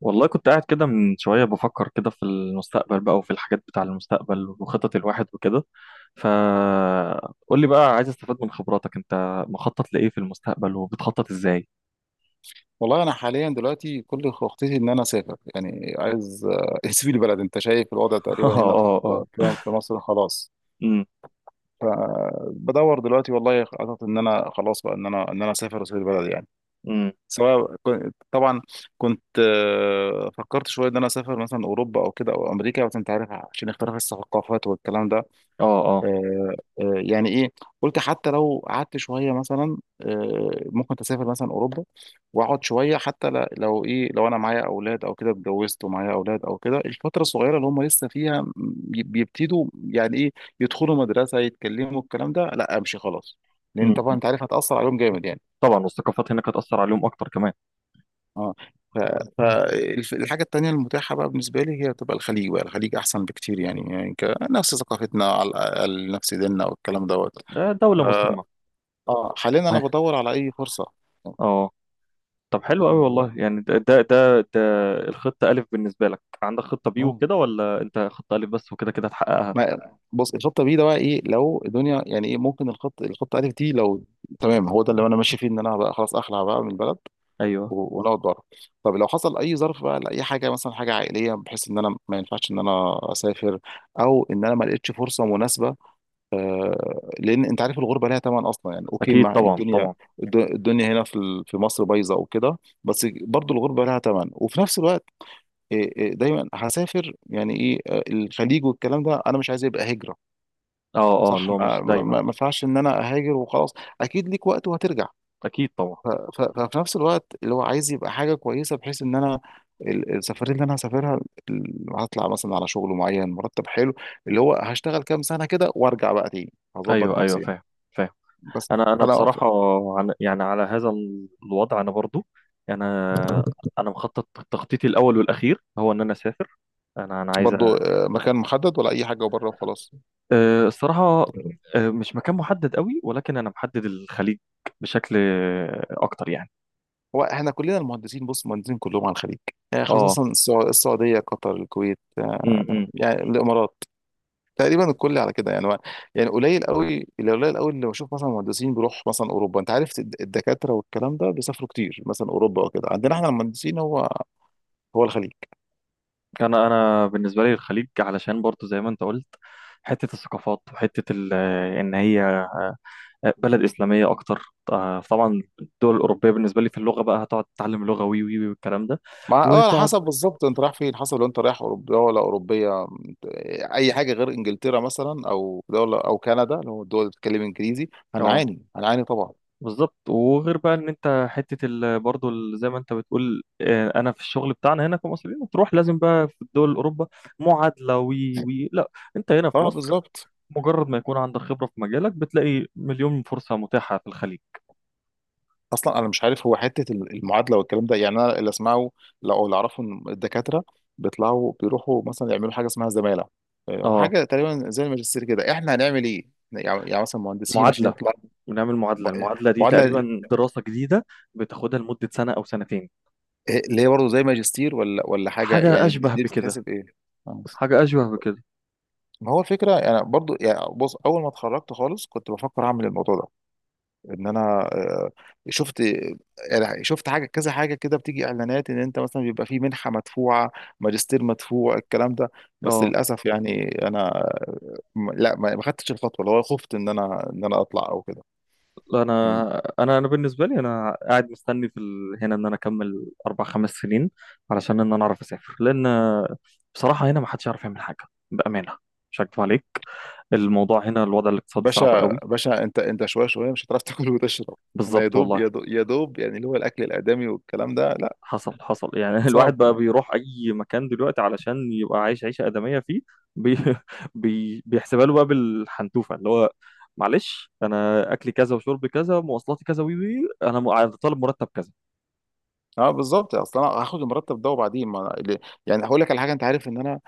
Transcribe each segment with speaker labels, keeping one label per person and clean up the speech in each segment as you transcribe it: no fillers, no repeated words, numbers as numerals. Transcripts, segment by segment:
Speaker 1: والله كنت قاعد كده من شوية بفكر كده في المستقبل بقى، وفي الحاجات بتاع المستقبل وخطط الواحد وكده. فقول لي بقى، عايز استفاد من خبراتك، انت مخطط لإيه في المستقبل وبتخطط ازاي؟
Speaker 2: والله انا حاليا دلوقتي كل خطتي ان انا اسافر. يعني عايز اسيب البلد. انت شايف الوضع
Speaker 1: اه،
Speaker 2: تقريبا هنا في
Speaker 1: اه، اه.
Speaker 2: في في مصر خلاص.
Speaker 1: امم
Speaker 2: فبدور دلوقتي والله خطط ان انا خلاص بقى ان انا اسافر واسيب البلد يعني.
Speaker 1: امم
Speaker 2: طبعا كنت فكرت شويه ان انا اسافر مثلا اوروبا او كده او امريكا، بس انت عارف عشان اختلاف الثقافات والكلام ده.
Speaker 1: اه اه
Speaker 2: آه، يعني ايه، قلت حتى لو قعدت شويه مثلا ممكن تسافر مثلا اوروبا واقعد شويه. حتى لو ايه، لو انا معايا اولاد او كده، اتجوزت ومعايا اولاد او كده الفتره الصغيره اللي هم لسه فيها بيبتدوا يعني ايه يدخلوا مدرسه يتكلموا الكلام ده، لا امشي خلاص. لان طبعا
Speaker 1: أمم.
Speaker 2: انت عارف هتاثر عليهم جامد يعني
Speaker 1: طبعا، والثقافات هناك هتأثر عليهم اكتر كمان.
Speaker 2: اه. فالحاجه التانيه المتاحه بقى بالنسبه لي هي بتبقى الخليج بقى، الخليج احسن بكتير يعني، يعني نفس ثقافتنا على الاقل، نفس ديننا والكلام دوت.
Speaker 1: آه، دولة مسلمة.
Speaker 2: اه، حاليا انا
Speaker 1: أي.
Speaker 2: بدور على اي فرصه.
Speaker 1: اه. طب حلو قوي والله،
Speaker 2: اه
Speaker 1: يعني ده الخطة ألف. بالنسبة لك عندك خطة بي
Speaker 2: آه،
Speaker 1: وكده، ولا انت خطة ألف بس وكده كده هتحققها؟
Speaker 2: ما بص، الخطه بي ده بقى ايه؟ لو الدنيا يعني ايه، ممكن الخطه الف دي لو تمام هو ده اللي انا ماشي فيه، ان انا بقى خلاص اخلع بقى من البلد
Speaker 1: ايوه.
Speaker 2: ونقعد بره. طب لو حصل اي ظرف بقى لاي حاجه، مثلا حاجه عائليه بحيث ان انا ما ينفعش ان انا اسافر، او ان انا ما لقيتش فرصه مناسبه. لان انت عارف الغربه ليها ثمن اصلا يعني. اوكي،
Speaker 1: اكيد
Speaker 2: مع
Speaker 1: طبعا،
Speaker 2: الدنيا،
Speaker 1: طبعا.
Speaker 2: الدنيا هنا في في مصر بايظه وكده، بس برضو الغربه لها ثمن. وفي نفس الوقت إيه دايما هسافر يعني ايه الخليج والكلام ده، انا مش عايز يبقى هجره.
Speaker 1: اه، اه،
Speaker 2: صح،
Speaker 1: اللي هو
Speaker 2: ما
Speaker 1: مش
Speaker 2: ما ما-
Speaker 1: دايما.
Speaker 2: ما ينفعش ان انا اهاجر وخلاص. اكيد ليك وقت وهترجع.
Speaker 1: اكيد طبعا.
Speaker 2: ففي نفس الوقت اللي هو عايز يبقى حاجه كويسه، بحيث ان انا السفريه اللي انا هسافرها هطلع مثلا على شغل معين مرتب حلو، اللي هو هشتغل كام سنه كده وارجع بقى تاني هظبط
Speaker 1: ايوه ايوه،
Speaker 2: نفسي يعني.
Speaker 1: فاهم، فاهم.
Speaker 2: بس
Speaker 1: انا
Speaker 2: فانا
Speaker 1: بصراحه، عن يعني على هذا ال- الوضع انا برضو. انا انا مخطط، تخطيطي الاول والاخير هو ان انا اسافر. انا عايز
Speaker 2: برضو مكان محدد ولا اي حاجه وبره وخلاص؟
Speaker 1: أه، الصراحه، أه، مش مكان محدد قوي، ولكن انا محدد الخليج بشكل أه، اكتر يعني.
Speaker 2: هو احنا كلنا المهندسين، بص، مهندسين كلهم على الخليج، يعني
Speaker 1: اه.
Speaker 2: خصوصا السعوديه، قطر، الكويت،
Speaker 1: امم
Speaker 2: يعني الامارات. تقريبا الكل على كده يعني يعني قليل قوي اللي، قليل قوي اللي بشوف مثلا مهندسين بيروح مثلا اوروبا. انت عارف الدكاتره والكلام ده بيسافروا كتير مثلا اوروبا وكده، عندنا احنا المهندسين هو الخليج.
Speaker 1: انا بالنسبه لي الخليج، علشان برضو زي ما انت قلت، حته الثقافات وحته ال- ان هي بلد اسلاميه اكتر. آه، طبعا الدول الاوروبيه بالنسبه لي في اللغه بقى هتقعد تتعلم لغه وي وي وي والكلام ده
Speaker 2: مع على
Speaker 1: وتقعد.
Speaker 2: حسب بالظبط انت رايح فين، حسب لو انت رايح اوروبا ولا اوروبيه اي حاجه غير انجلترا مثلا او دوله او كندا، لو الدول اللي بتتكلم انجليزي
Speaker 1: اه
Speaker 2: هنعاني طبعا.
Speaker 1: بالظبط، وغير بقى ان انت حته ال... برضو ال- زي ما انت بتقول آه، انا في الشغل بتاعنا هنا كمصريين تروح لازم بقى في الدول الاوروبا معادله وي وي لا. انت هنا في
Speaker 2: اه
Speaker 1: مصر،
Speaker 2: بالظبط.
Speaker 1: مجرد ما يكون عندك خبره في مجالك بتلاقي 1000000 فرصه متاحه في الخليج.
Speaker 2: اصلا انا مش عارف هو حته المعادله والكلام ده، يعني انا اللي اسمعه او اللي اعرفه ان الدكاتره بيطلعوا بيروحوا مثلا يعملوا حاجه اسمها زماله،
Speaker 1: اه.
Speaker 2: وحاجه تقريبا زي الماجستير كده. احنا هنعمل ايه؟ يعني مثلا مهندسين عشان
Speaker 1: معادله،
Speaker 2: يطلع.
Speaker 1: بنعمل معادله.
Speaker 2: ب-
Speaker 1: المعادله دي
Speaker 2: معادله
Speaker 1: تقريبا دراسه جديده بتاخدها لمده سنه او 2 سنتين.
Speaker 2: اللي هي برضه زي ماجستير ولا حاجه
Speaker 1: حاجه
Speaker 2: يعني؟ دي
Speaker 1: اشبه
Speaker 2: دي
Speaker 1: بكده.
Speaker 2: بتتحسب ايه؟ آه.
Speaker 1: حاجة أشبه بكده.
Speaker 2: ما هو الفكره، انا برضه يعني بص، اول ما اتخرجت خالص كنت بفكر اعمل الموضوع ده، ان انا شفت يعني، شفت حاجه كذا، حاجه كده بتيجي اعلانات ان انت مثلا بيبقى في منحه مدفوعه، ماجستير مدفوع، الكلام ده. بس
Speaker 1: اه.
Speaker 2: للاسف يعني انا لا، ما خدتش الخطوه، اللي هو خفت ان انا ان انا اطلع او كده.
Speaker 1: لا،
Speaker 2: م.
Speaker 1: أنا بالنسبة لي أنا قاعد مستني في ال... هنا إن أنا أكمل 4 5 سنين علشان إن أنا أعرف أسافر. لأن بصراحة هنا ما حدش يعرف يعمل حاجة، بأمانة. مش هكدب عليك، الموضوع هنا، الوضع الاقتصادي صعب
Speaker 2: باشا
Speaker 1: قوي.
Speaker 2: باشا، انت انت شويه شويه مش هتعرف تاكل وتشرب. انا يا
Speaker 1: بالظبط
Speaker 2: دوب
Speaker 1: والله.
Speaker 2: يا دوب يا دوب يعني اللي هو الاكل الادمي والكلام ده، لا.
Speaker 1: حصل، حصل يعني.
Speaker 2: صعب.
Speaker 1: الواحد بقى بيروح أي مكان دلوقتي علشان يبقى عايش عيشة آدمية فيه. بي... بي... بيحسبها له بقى بالحنتوفة، اللي هو معلش أنا أكلي كذا وشربي كذا، مواصلاتي كذا، وي وي، طالب مرتب كذا.
Speaker 2: اه بالظبط. اصل انا هاخد المرتب ده وبعدين ما أنا- ال- يعني هقول لك على حاجه. انت عارف ان انا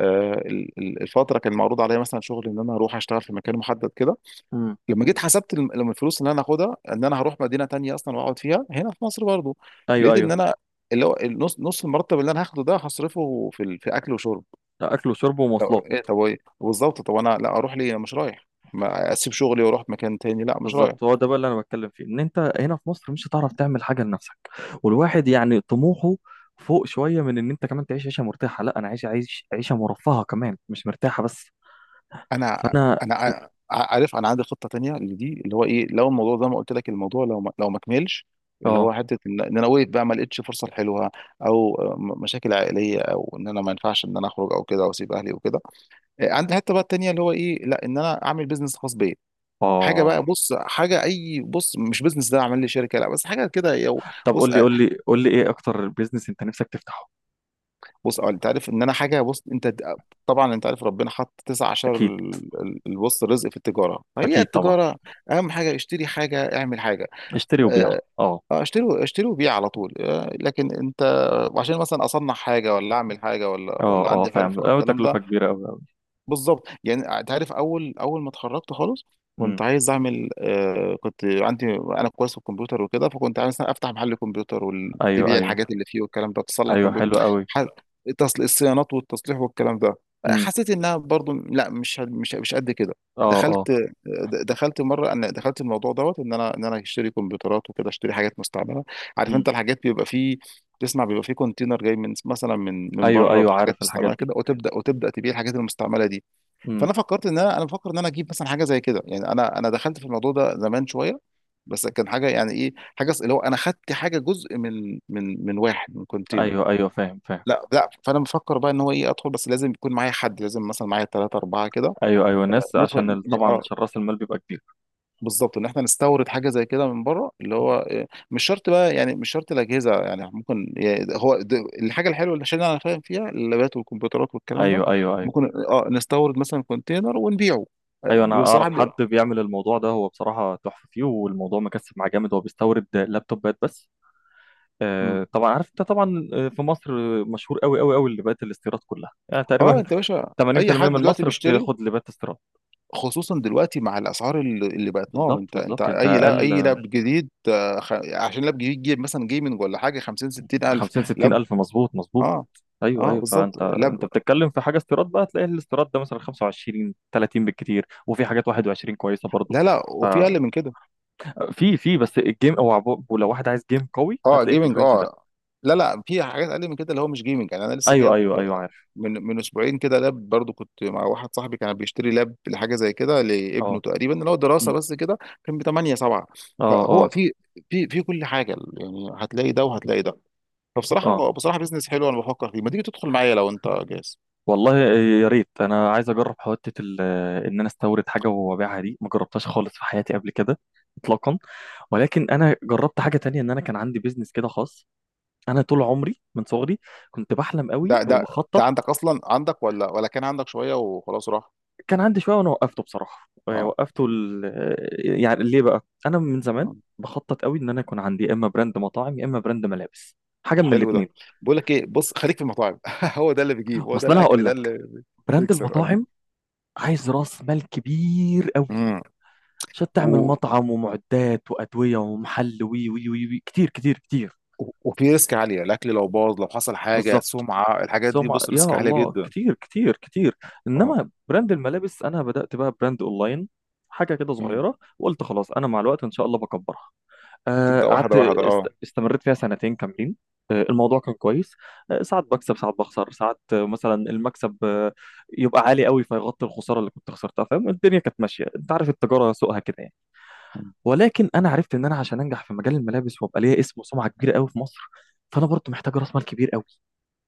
Speaker 2: الفتره كان معروض عليا مثلا شغل ان انا اروح اشتغل في مكان محدد كده.
Speaker 1: امم
Speaker 2: لما جيت حسبت لما الفلوس اللي انا هاخدها ان انا هروح مدينه تانية اصلا واقعد فيها، هنا في مصر برضو
Speaker 1: ايوه
Speaker 2: لقيت ان
Speaker 1: ايوه،
Speaker 2: انا اللي هو النص المرتب اللي انا هاخده ده هصرفه في في اكل وشرب.
Speaker 1: ده اكل وشرب
Speaker 2: طب
Speaker 1: ومواصلات.
Speaker 2: ايه طب ايه بالظبط، طب انا لا اروح ليه، انا مش رايح. ما اسيب شغلي واروح مكان تاني، لا مش رايح.
Speaker 1: بالظبط، هو ده بقى اللي انا بتكلم فيه، ان انت هنا في مصر مش هتعرف تعمل حاجه لنفسك. والواحد يعني طموحه فوق شويه من ان انت كمان تعيش عيشه مرتاحه، لا انا عايش عيشه مرفهه كمان، مش مرتاحه بس.
Speaker 2: انا
Speaker 1: فانا.
Speaker 2: انا عارف انا عندي خطه تانية لدي، اللي هو ايه، لو الموضوع زي ما قلت لك، الموضوع لو ما كملش، اللي هو
Speaker 1: اه،
Speaker 2: حته ان إن انا وقفت بقى ما لقيتش فرصه حلوه، او مشاكل عائليه، او ان انا ما ينفعش ان انا اخرج او كده واسيب اهلي وكده، عندي حته بقى التانية اللي هو ايه، لا ان انا اعمل بيزنس خاص بيا. حاجه بقى،
Speaker 1: اه.
Speaker 2: بص حاجه اي، بص مش بيزنس ده اعمل لي شركه لا، بس حاجه كده
Speaker 1: طب
Speaker 2: بص
Speaker 1: قول لي ايه اكتر بيزنس انت نفسك تفتحه؟
Speaker 2: بص انت عارف. ان انا حاجه، بص، انت طبعا انت عارف ربنا حط تسع عشر
Speaker 1: اكيد،
Speaker 2: البص رزق في التجاره، هي
Speaker 1: اكيد طبعا.
Speaker 2: التجاره اهم حاجه. اشتري حاجه، اعمل حاجه.
Speaker 1: اشتري وبيع،
Speaker 2: اه.
Speaker 1: اه.
Speaker 2: اشتري وبيع على طول. لكن انت عشان مثلا اصنع حاجه، ولا اعمل حاجه، ولا
Speaker 1: اه، اه
Speaker 2: عندي حرفه
Speaker 1: فاهم،
Speaker 2: او
Speaker 1: اه
Speaker 2: الكلام ده.
Speaker 1: تكلفه كبيره قوي، قوي.
Speaker 2: بالظبط يعني. تعرف اول اول ما اتخرجت خالص
Speaker 1: امم
Speaker 2: كنت عايز اعمل كنت عندي انا كويس في الكمبيوتر وكده، فكنت عايز مثلا افتح محل كمبيوتر
Speaker 1: ايوه
Speaker 2: وتبيع
Speaker 1: ايوه،
Speaker 2: الحاجات اللي فيه والكلام ده، تصلح
Speaker 1: ايوه
Speaker 2: كمبيوتر
Speaker 1: حلو قوي.
Speaker 2: ح- تصل الصيانات والتصليح والكلام ده.
Speaker 1: امم
Speaker 2: حسيت انها برضو لا، مش مش قد كده.
Speaker 1: اه، اه.
Speaker 2: دخلت، د- دخلت مره انا دخلت الموضوع دوت، ان انا ان انا اشتري كمبيوترات وكده، اشتري حاجات مستعمله. عارف
Speaker 1: امم
Speaker 2: انت الحاجات بيبقى فيه، تسمع بيبقى فيه كونتينر جاي من مثلا من
Speaker 1: ايوه
Speaker 2: بره
Speaker 1: ايوه
Speaker 2: بحاجات
Speaker 1: عارف الحاجات
Speaker 2: مستعمله
Speaker 1: دي.
Speaker 2: كده، وتبدا تبيع الحاجات المستعمله دي.
Speaker 1: مم.
Speaker 2: فانا فكرت ان انا، بفكر ان انا اجيب مثلا حاجه زي كده يعني. انا دخلت في الموضوع ده زمان شويه، بس كان حاجه يعني ايه، حاجه اللي هو انا خدت حاجه، جزء من واحد من كونتينر.
Speaker 1: ايوه ايوه، فاهم، فاهم.
Speaker 2: لا لا، فانا مفكر بقى ان هو ايه، ادخل بس لازم يكون معايا حد، لازم مثلا معايا ثلاثه اربعه كده
Speaker 1: ايوه ايوه، الناس عشان
Speaker 2: ندخل.
Speaker 1: ال- طبعا
Speaker 2: اه
Speaker 1: عشان راس المال بيبقى كبير.
Speaker 2: بالظبط، ان احنا نستورد حاجه زي كده من بره، اللي
Speaker 1: مم.
Speaker 2: هو مش شرط بقى يعني، مش شرط الاجهزه يعني، ممكن يعني الحاجه الحلوه اللي عشان انا فاهم فيها، اللابات والكمبيوترات والكلام ده،
Speaker 1: ايوه ايوه. ايوه
Speaker 2: ممكن نستورد مثلا كونتينر ونبيعه.
Speaker 1: ايوه، انا اعرف
Speaker 2: بصراحه.
Speaker 1: حد بيعمل الموضوع ده، هو بصراحه تحفه فيه، والموضوع مكسب معاه جامد، هو بيستورد لابتوبات بس.
Speaker 2: مم.
Speaker 1: آه طبعا، عارف انت طبعا. آه، في مصر مشهور قوي قوي قوي لبات الاستيراد كلها يعني
Speaker 2: اه،
Speaker 1: تقريبا.
Speaker 2: انت يا باشا اي
Speaker 1: 80%
Speaker 2: حد
Speaker 1: من
Speaker 2: دلوقتي
Speaker 1: مصر
Speaker 2: بيشتري،
Speaker 1: بتاخد لبات استيراد.
Speaker 2: خصوصا دلوقتي مع الاسعار اللي بقت نار.
Speaker 1: بالظبط
Speaker 2: انت
Speaker 1: بالظبط، انت
Speaker 2: اي، لا،
Speaker 1: اقل.
Speaker 2: اي لاب جديد عشان لاب جديد جيب مثلا جيمنج ولا حاجه، 50 60 الف
Speaker 1: 50 60
Speaker 2: لاب.
Speaker 1: الف مظبوط مظبوط.
Speaker 2: اه
Speaker 1: ايوه
Speaker 2: اه
Speaker 1: ايوه،
Speaker 2: بالظبط
Speaker 1: فانت
Speaker 2: لاب.
Speaker 1: انت بتتكلم في حاجه استيراد بقى تلاقي الاستيراد ده مثلا 25 30 بالكتير، وفي حاجات 21 كويسه برضو.
Speaker 2: لا لا، وفي
Speaker 1: ففي،
Speaker 2: اقل من كده.
Speaker 1: في في بس الجيم او عبو- ولو واحد عايز جيم قوي
Speaker 2: اه،
Speaker 1: هتلاقيه في
Speaker 2: جيمنج
Speaker 1: الرينج ده.
Speaker 2: اه. لا لا، في حاجات اقل من كده اللي هو مش جيمنج يعني. انا لسه
Speaker 1: ايوه
Speaker 2: جايب
Speaker 1: ايوه ايوه عارف.
Speaker 2: من اسبوعين كده لاب، برضو كنت مع واحد صاحبي كان بيشتري لاب لحاجه زي كده لابنه
Speaker 1: اه.
Speaker 2: تقريبا اللي هو دراسه
Speaker 1: أمم.
Speaker 2: بس كده. كان ب 8 7،
Speaker 1: اه،
Speaker 2: فهو
Speaker 1: اه
Speaker 2: في كل حاجه يعني، هتلاقي ده وهتلاقي ده. فبصراحه
Speaker 1: اه.
Speaker 2: هو، بصراحه بيزنس حلو انا بفكر فيه. ما تيجي تدخل معايا لو انت جاهز؟
Speaker 1: والله يا ريت، انا عايز اجرب حته ال- ان انا استورد حاجه وابيعها، دي ما جربتهاش خالص في حياتي قبل كده، اطلاقا. ولكن انا جربت حاجه تانية، ان انا كان عندي بيزنس كده خاص. انا طول عمري من صغري كنت بحلم قوي
Speaker 2: ده ده ده
Speaker 1: وبخطط.
Speaker 2: عندك اصلا، عندك ولا كان عندك شويه وخلاص راح؟
Speaker 1: كان عندي شويه وانا وقفته بصراحه. آه،
Speaker 2: اه
Speaker 1: وقفته ال... آه، يعني ليه بقى؟ انا من زمان
Speaker 2: آه.
Speaker 1: بخطط قوي ان انا يكون عندي يا اما براند مطاعم يا اما براند ملابس، حاجه من
Speaker 2: حلو
Speaker 1: الاثنين.
Speaker 2: ده. بقول لك ايه، بص خليك في المطاعم هو ده اللي بيجيب، هو ده
Speaker 1: اصل انا
Speaker 2: الاكل
Speaker 1: هقول
Speaker 2: ده
Speaker 1: لك،
Speaker 2: اللي
Speaker 1: براند
Speaker 2: بيكسب اه.
Speaker 1: المطاعم عايز راس مال كبير قوي، عشان تعمل
Speaker 2: امم.
Speaker 1: مطعم، ومعدات وادويه ومحل، وي وي وي, وي. كتير كتير كتير.
Speaker 2: وفي ريسك عالية، الأكل لو باظ، لو حصل حاجة،
Speaker 1: بالظبط.
Speaker 2: سمعة، الحاجات دي
Speaker 1: سمع
Speaker 2: بص
Speaker 1: يا
Speaker 2: ريسك عالية
Speaker 1: الله،
Speaker 2: جدا.
Speaker 1: كتير كتير كتير.
Speaker 2: اه.
Speaker 1: انما براند الملابس انا بدات بقى براند اونلاين، حاجه كده
Speaker 2: مم.
Speaker 1: صغيره، وقلت خلاص انا مع الوقت ان شاء الله بكبرها. آه،
Speaker 2: تبدأ واحدة واحدة اه.
Speaker 1: استمريت فيها 2 كاملين. آه، الموضوع كان كويس. آه، ساعات بكسب، ساعات بخسر، ساعات آه، مثلا المكسب آه، يبقى عالي قوي فيغطي الخساره اللي كنت خسرتها. فاهم، الدنيا كانت ماشيه، انت عارف التجاره سوقها كده يعني.
Speaker 2: مم.
Speaker 1: ولكن انا عرفت ان انا عشان انجح في مجال الملابس، وابقى ليا اسم وسمعه كبيره قوي في مصر، فانا برضو محتاج راس مال كبير قوي،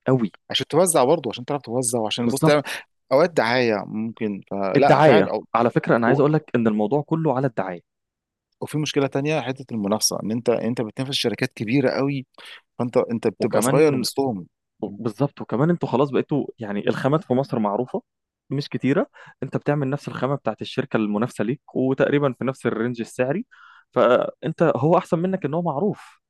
Speaker 1: قوي.
Speaker 2: عشان توزع برضه، عشان تعرف توزع، وعشان بص تعمل
Speaker 1: بالظبط.
Speaker 2: أوقات دعاية ممكن، فلا
Speaker 1: الدعايه،
Speaker 2: فعلا أو
Speaker 1: على فكره انا عايز اقول لك
Speaker 2: و-
Speaker 1: ان الموضوع كله على الدعايه.
Speaker 2: وفي مشكلة تانية، حتة المنافسة، إن أنت بتنافس شركات كبيرة قوي، فأنت بتبقى صغير
Speaker 1: وكمان
Speaker 2: وسطهم. مم.
Speaker 1: بالظبط، وكمان انتوا خلاص بقيتوا يعني الخامات في مصر معروفة، مش كتيرة. انت بتعمل نفس الخامة بتاعت الشركة المنافسة ليك، وتقريبا في نفس الرينج السعري، فانت هو احسن منك ان هو معروف.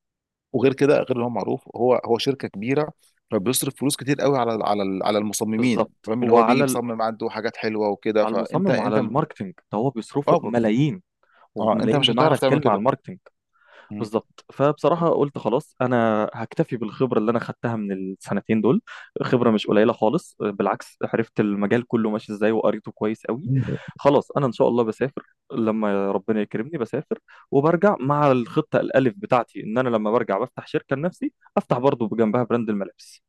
Speaker 2: وغير كده، غير اللي هو معروف هو شركة كبيرة، فبيصرف فلوس كتير قوي على المصممين،
Speaker 1: بالظبط
Speaker 2: فاهم؟ اللي هو بيجي
Speaker 1: وعلى ال-
Speaker 2: بيصمم عنده حاجات حلوة وكده،
Speaker 1: على
Speaker 2: فأنت
Speaker 1: المصمم وعلى الماركتينج، ده هو بيصرفوا
Speaker 2: اه
Speaker 1: ملايين
Speaker 2: اه انت
Speaker 1: وملايين
Speaker 2: مش
Speaker 1: بمعنى
Speaker 2: هتعرف تعمل
Speaker 1: الكلمة على
Speaker 2: كده.
Speaker 1: الماركتينج.
Speaker 2: مم.
Speaker 1: بالظبط. فبصراحة قلت خلاص أنا هكتفي بالخبرة اللي أنا خدتها من ال2 دول، خبرة مش قليلة خالص، بالعكس عرفت المجال كله ماشي إزاي وقريته كويس قوي. خلاص أنا إن شاء الله بسافر، لما ربنا يكرمني بسافر، وبرجع مع الخطة الألف بتاعتي إن أنا لما برجع بفتح شركة لنفسي، أفتح برضه بجنبها براند الملابس.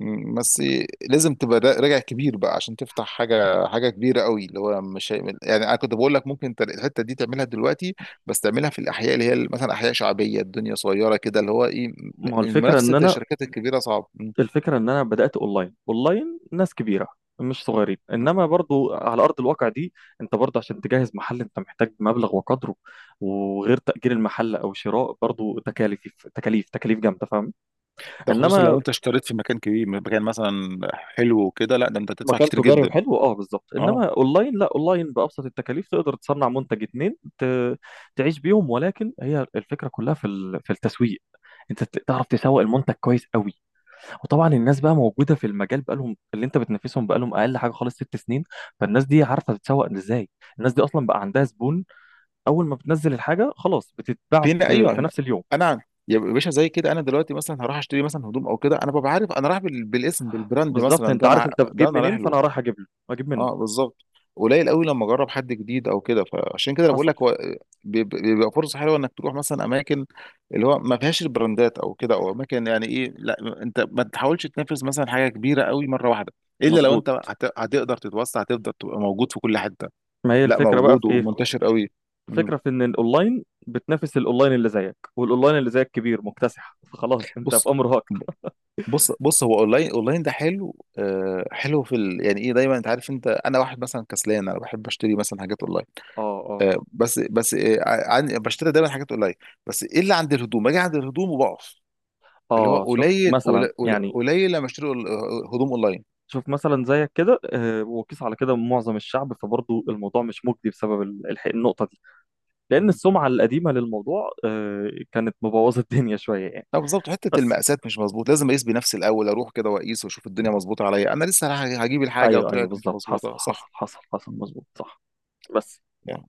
Speaker 2: بس لازم تبقى راجع كبير بقى عشان تفتح حاجه، كبيره قوي، اللي هو مش هيعمل يعني. انا كنت بقول لك ممكن انت الحته دي تعملها دلوقتي، بس تعملها في الاحياء اللي هي مثلا احياء شعبيه، الدنيا صغيره كده اللي هو ايه،
Speaker 1: ما هو الفكرة إن
Speaker 2: منافسه
Speaker 1: أنا،
Speaker 2: الشركات الكبيره صعب. مم.
Speaker 1: الفكرة إن أنا بدأت أونلاين، أونلاين ناس كبيرة، مش صغيرين،
Speaker 2: مم.
Speaker 1: إنما برضو على أرض الواقع دي أنت برضو عشان تجهز محل أنت محتاج مبلغ وقدره، وغير تأجير المحل أو شراء، برضو تكاليف تكاليف تكاليف جامدة فاهم.
Speaker 2: ده خصوصا
Speaker 1: إنما
Speaker 2: لو انت اشتريت في مكان كبير، مكان مثلا حلو وكده، لا ده انت تدفع
Speaker 1: مكان
Speaker 2: كتير
Speaker 1: تجاري
Speaker 2: جدا.
Speaker 1: وحلو أه بالظبط،
Speaker 2: اه،
Speaker 1: إنما أونلاين لا، أونلاين بأبسط التكاليف تقدر تصنع منتج اتنين ت... تعيش بيهم. ولكن هي الفكرة كلها في ال... في التسويق، تعرف تسوق المنتج كويس قوي. وطبعا الناس بقى موجوده في المجال، بقالهم اللي انت بتنافسهم بقالهم اقل حاجه خالص 6 سنين، فالناس دي عارفه تتسوق ازاي. الناس دي اصلا بقى عندها زبون، اول ما بتنزل الحاجه خلاص بتتباع
Speaker 2: فينا، ايوه،
Speaker 1: في
Speaker 2: لا.
Speaker 1: نفس اليوم.
Speaker 2: انا يا باشا زي كده، انا دلوقتي مثلا هروح اشتري مثلا هدوم او كده، انا ببقى عارف انا رايح بالاسم، بالبراند،
Speaker 1: بالظبط،
Speaker 2: مثلا
Speaker 1: انت عارف انت
Speaker 2: ده
Speaker 1: بتجيب
Speaker 2: انا رايح
Speaker 1: منين،
Speaker 2: له.
Speaker 1: فانا رايح اجيب له اجيب منه.
Speaker 2: اه بالظبط، قليل قوي لما اجرب حد جديد او كده. فعشان كده أنا بقول
Speaker 1: حصل،
Speaker 2: لك هو بيبقى فرصه حلوه انك تروح مثلا اماكن اللي هو ما فيهاش البراندات او كده، او اماكن يعني ايه، لا انت ما تحاولش تنافس مثلا حاجه كبيره قوي مره واحده، الا لو
Speaker 1: مظبوط.
Speaker 2: انت هتقدر تتوسع، هتقدر تبقى موجود في كل حته.
Speaker 1: ما هي
Speaker 2: لا
Speaker 1: الفكره بقى
Speaker 2: موجود
Speaker 1: في ايه؟
Speaker 2: ومنتشر قوي. مم.
Speaker 1: الفكره في ان الاونلاين بتنافس الاونلاين اللي زيك، والاونلاين اللي زيك كبير مكتسح، فخلاص انت في
Speaker 2: بص
Speaker 1: امر واقع.
Speaker 2: بص هو اونلاين، ده حلو حلو في يعني ايه دايما، انت عارف انت، انا واحد مثلا كسلان، انا بحب اشتري مثلا حاجات اونلاين.
Speaker 1: اه، اه،
Speaker 2: طب بس، بشتري دايما حاجات اونلاين. بس ايه اللي عند الهدوم، اجي عند الهدوم وبقف، اللي هو
Speaker 1: اه. شوف
Speaker 2: قليل
Speaker 1: مثلا
Speaker 2: قليل
Speaker 1: يعني،
Speaker 2: قليل لما اشتري هدوم اونلاين.
Speaker 1: شوف مثلا زيك كده آه، وقيس على كده معظم الشعب، فبرضه الموضوع مش مجدي بسبب ال- الح- النقطة دي، لأن
Speaker 2: مم.
Speaker 1: السمعة القديمة للموضوع آه، كانت مبوظة الدنيا شوية يعني.
Speaker 2: لا بالظبط حته
Speaker 1: بس
Speaker 2: المقاسات مش مظبوط، لازم اقيس بنفسي الاول، اروح كده واقيس واشوف الدنيا مظبوطه عليا. انا لسه رايح هجيب الحاجه
Speaker 1: أيوه أيوه
Speaker 2: وطلعت مش
Speaker 1: بالظبط،
Speaker 2: مظبوطه. صح.
Speaker 1: حصل، مظبوط صح. بس
Speaker 2: مم.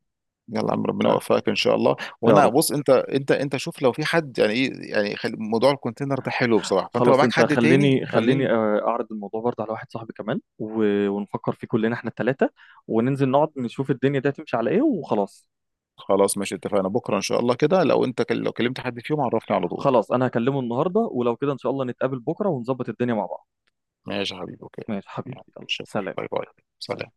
Speaker 2: يلا يا عم، ربنا
Speaker 1: آه،
Speaker 2: يوفقك ان شاء الله.
Speaker 1: يا
Speaker 2: وانا
Speaker 1: رب.
Speaker 2: بص، انت انت شوف لو في حد يعني ايه، يعني موضوع الكونتينر ده حلو بصراحه، فانت لو
Speaker 1: خلاص
Speaker 2: معاك
Speaker 1: أنت
Speaker 2: حد تاني
Speaker 1: خليني، خليني
Speaker 2: خليني.
Speaker 1: آه، أعرض الموضوع برضه على واحد صاحبي كمان، ونفكر فيه كلنا إحنا التلاتة، وننزل نقعد نشوف الدنيا دي هتمشي على إيه وخلاص.
Speaker 2: خلاص ماشي اتفقنا بكره ان شاء الله كده. لو انت لو كلمت حد فيهم عرفني على طول.
Speaker 1: خلاص أنا هكلمه النهاردة، ولو كده إن شاء الله نتقابل بكرة ونظبط الدنيا مع بعض.
Speaker 2: ماشي يا حبيبي، اوكي.
Speaker 1: ماشي حبيبي،
Speaker 2: يلا،
Speaker 1: يلا
Speaker 2: شكرا.
Speaker 1: سلام.
Speaker 2: باي باي.
Speaker 1: سلام.
Speaker 2: سلام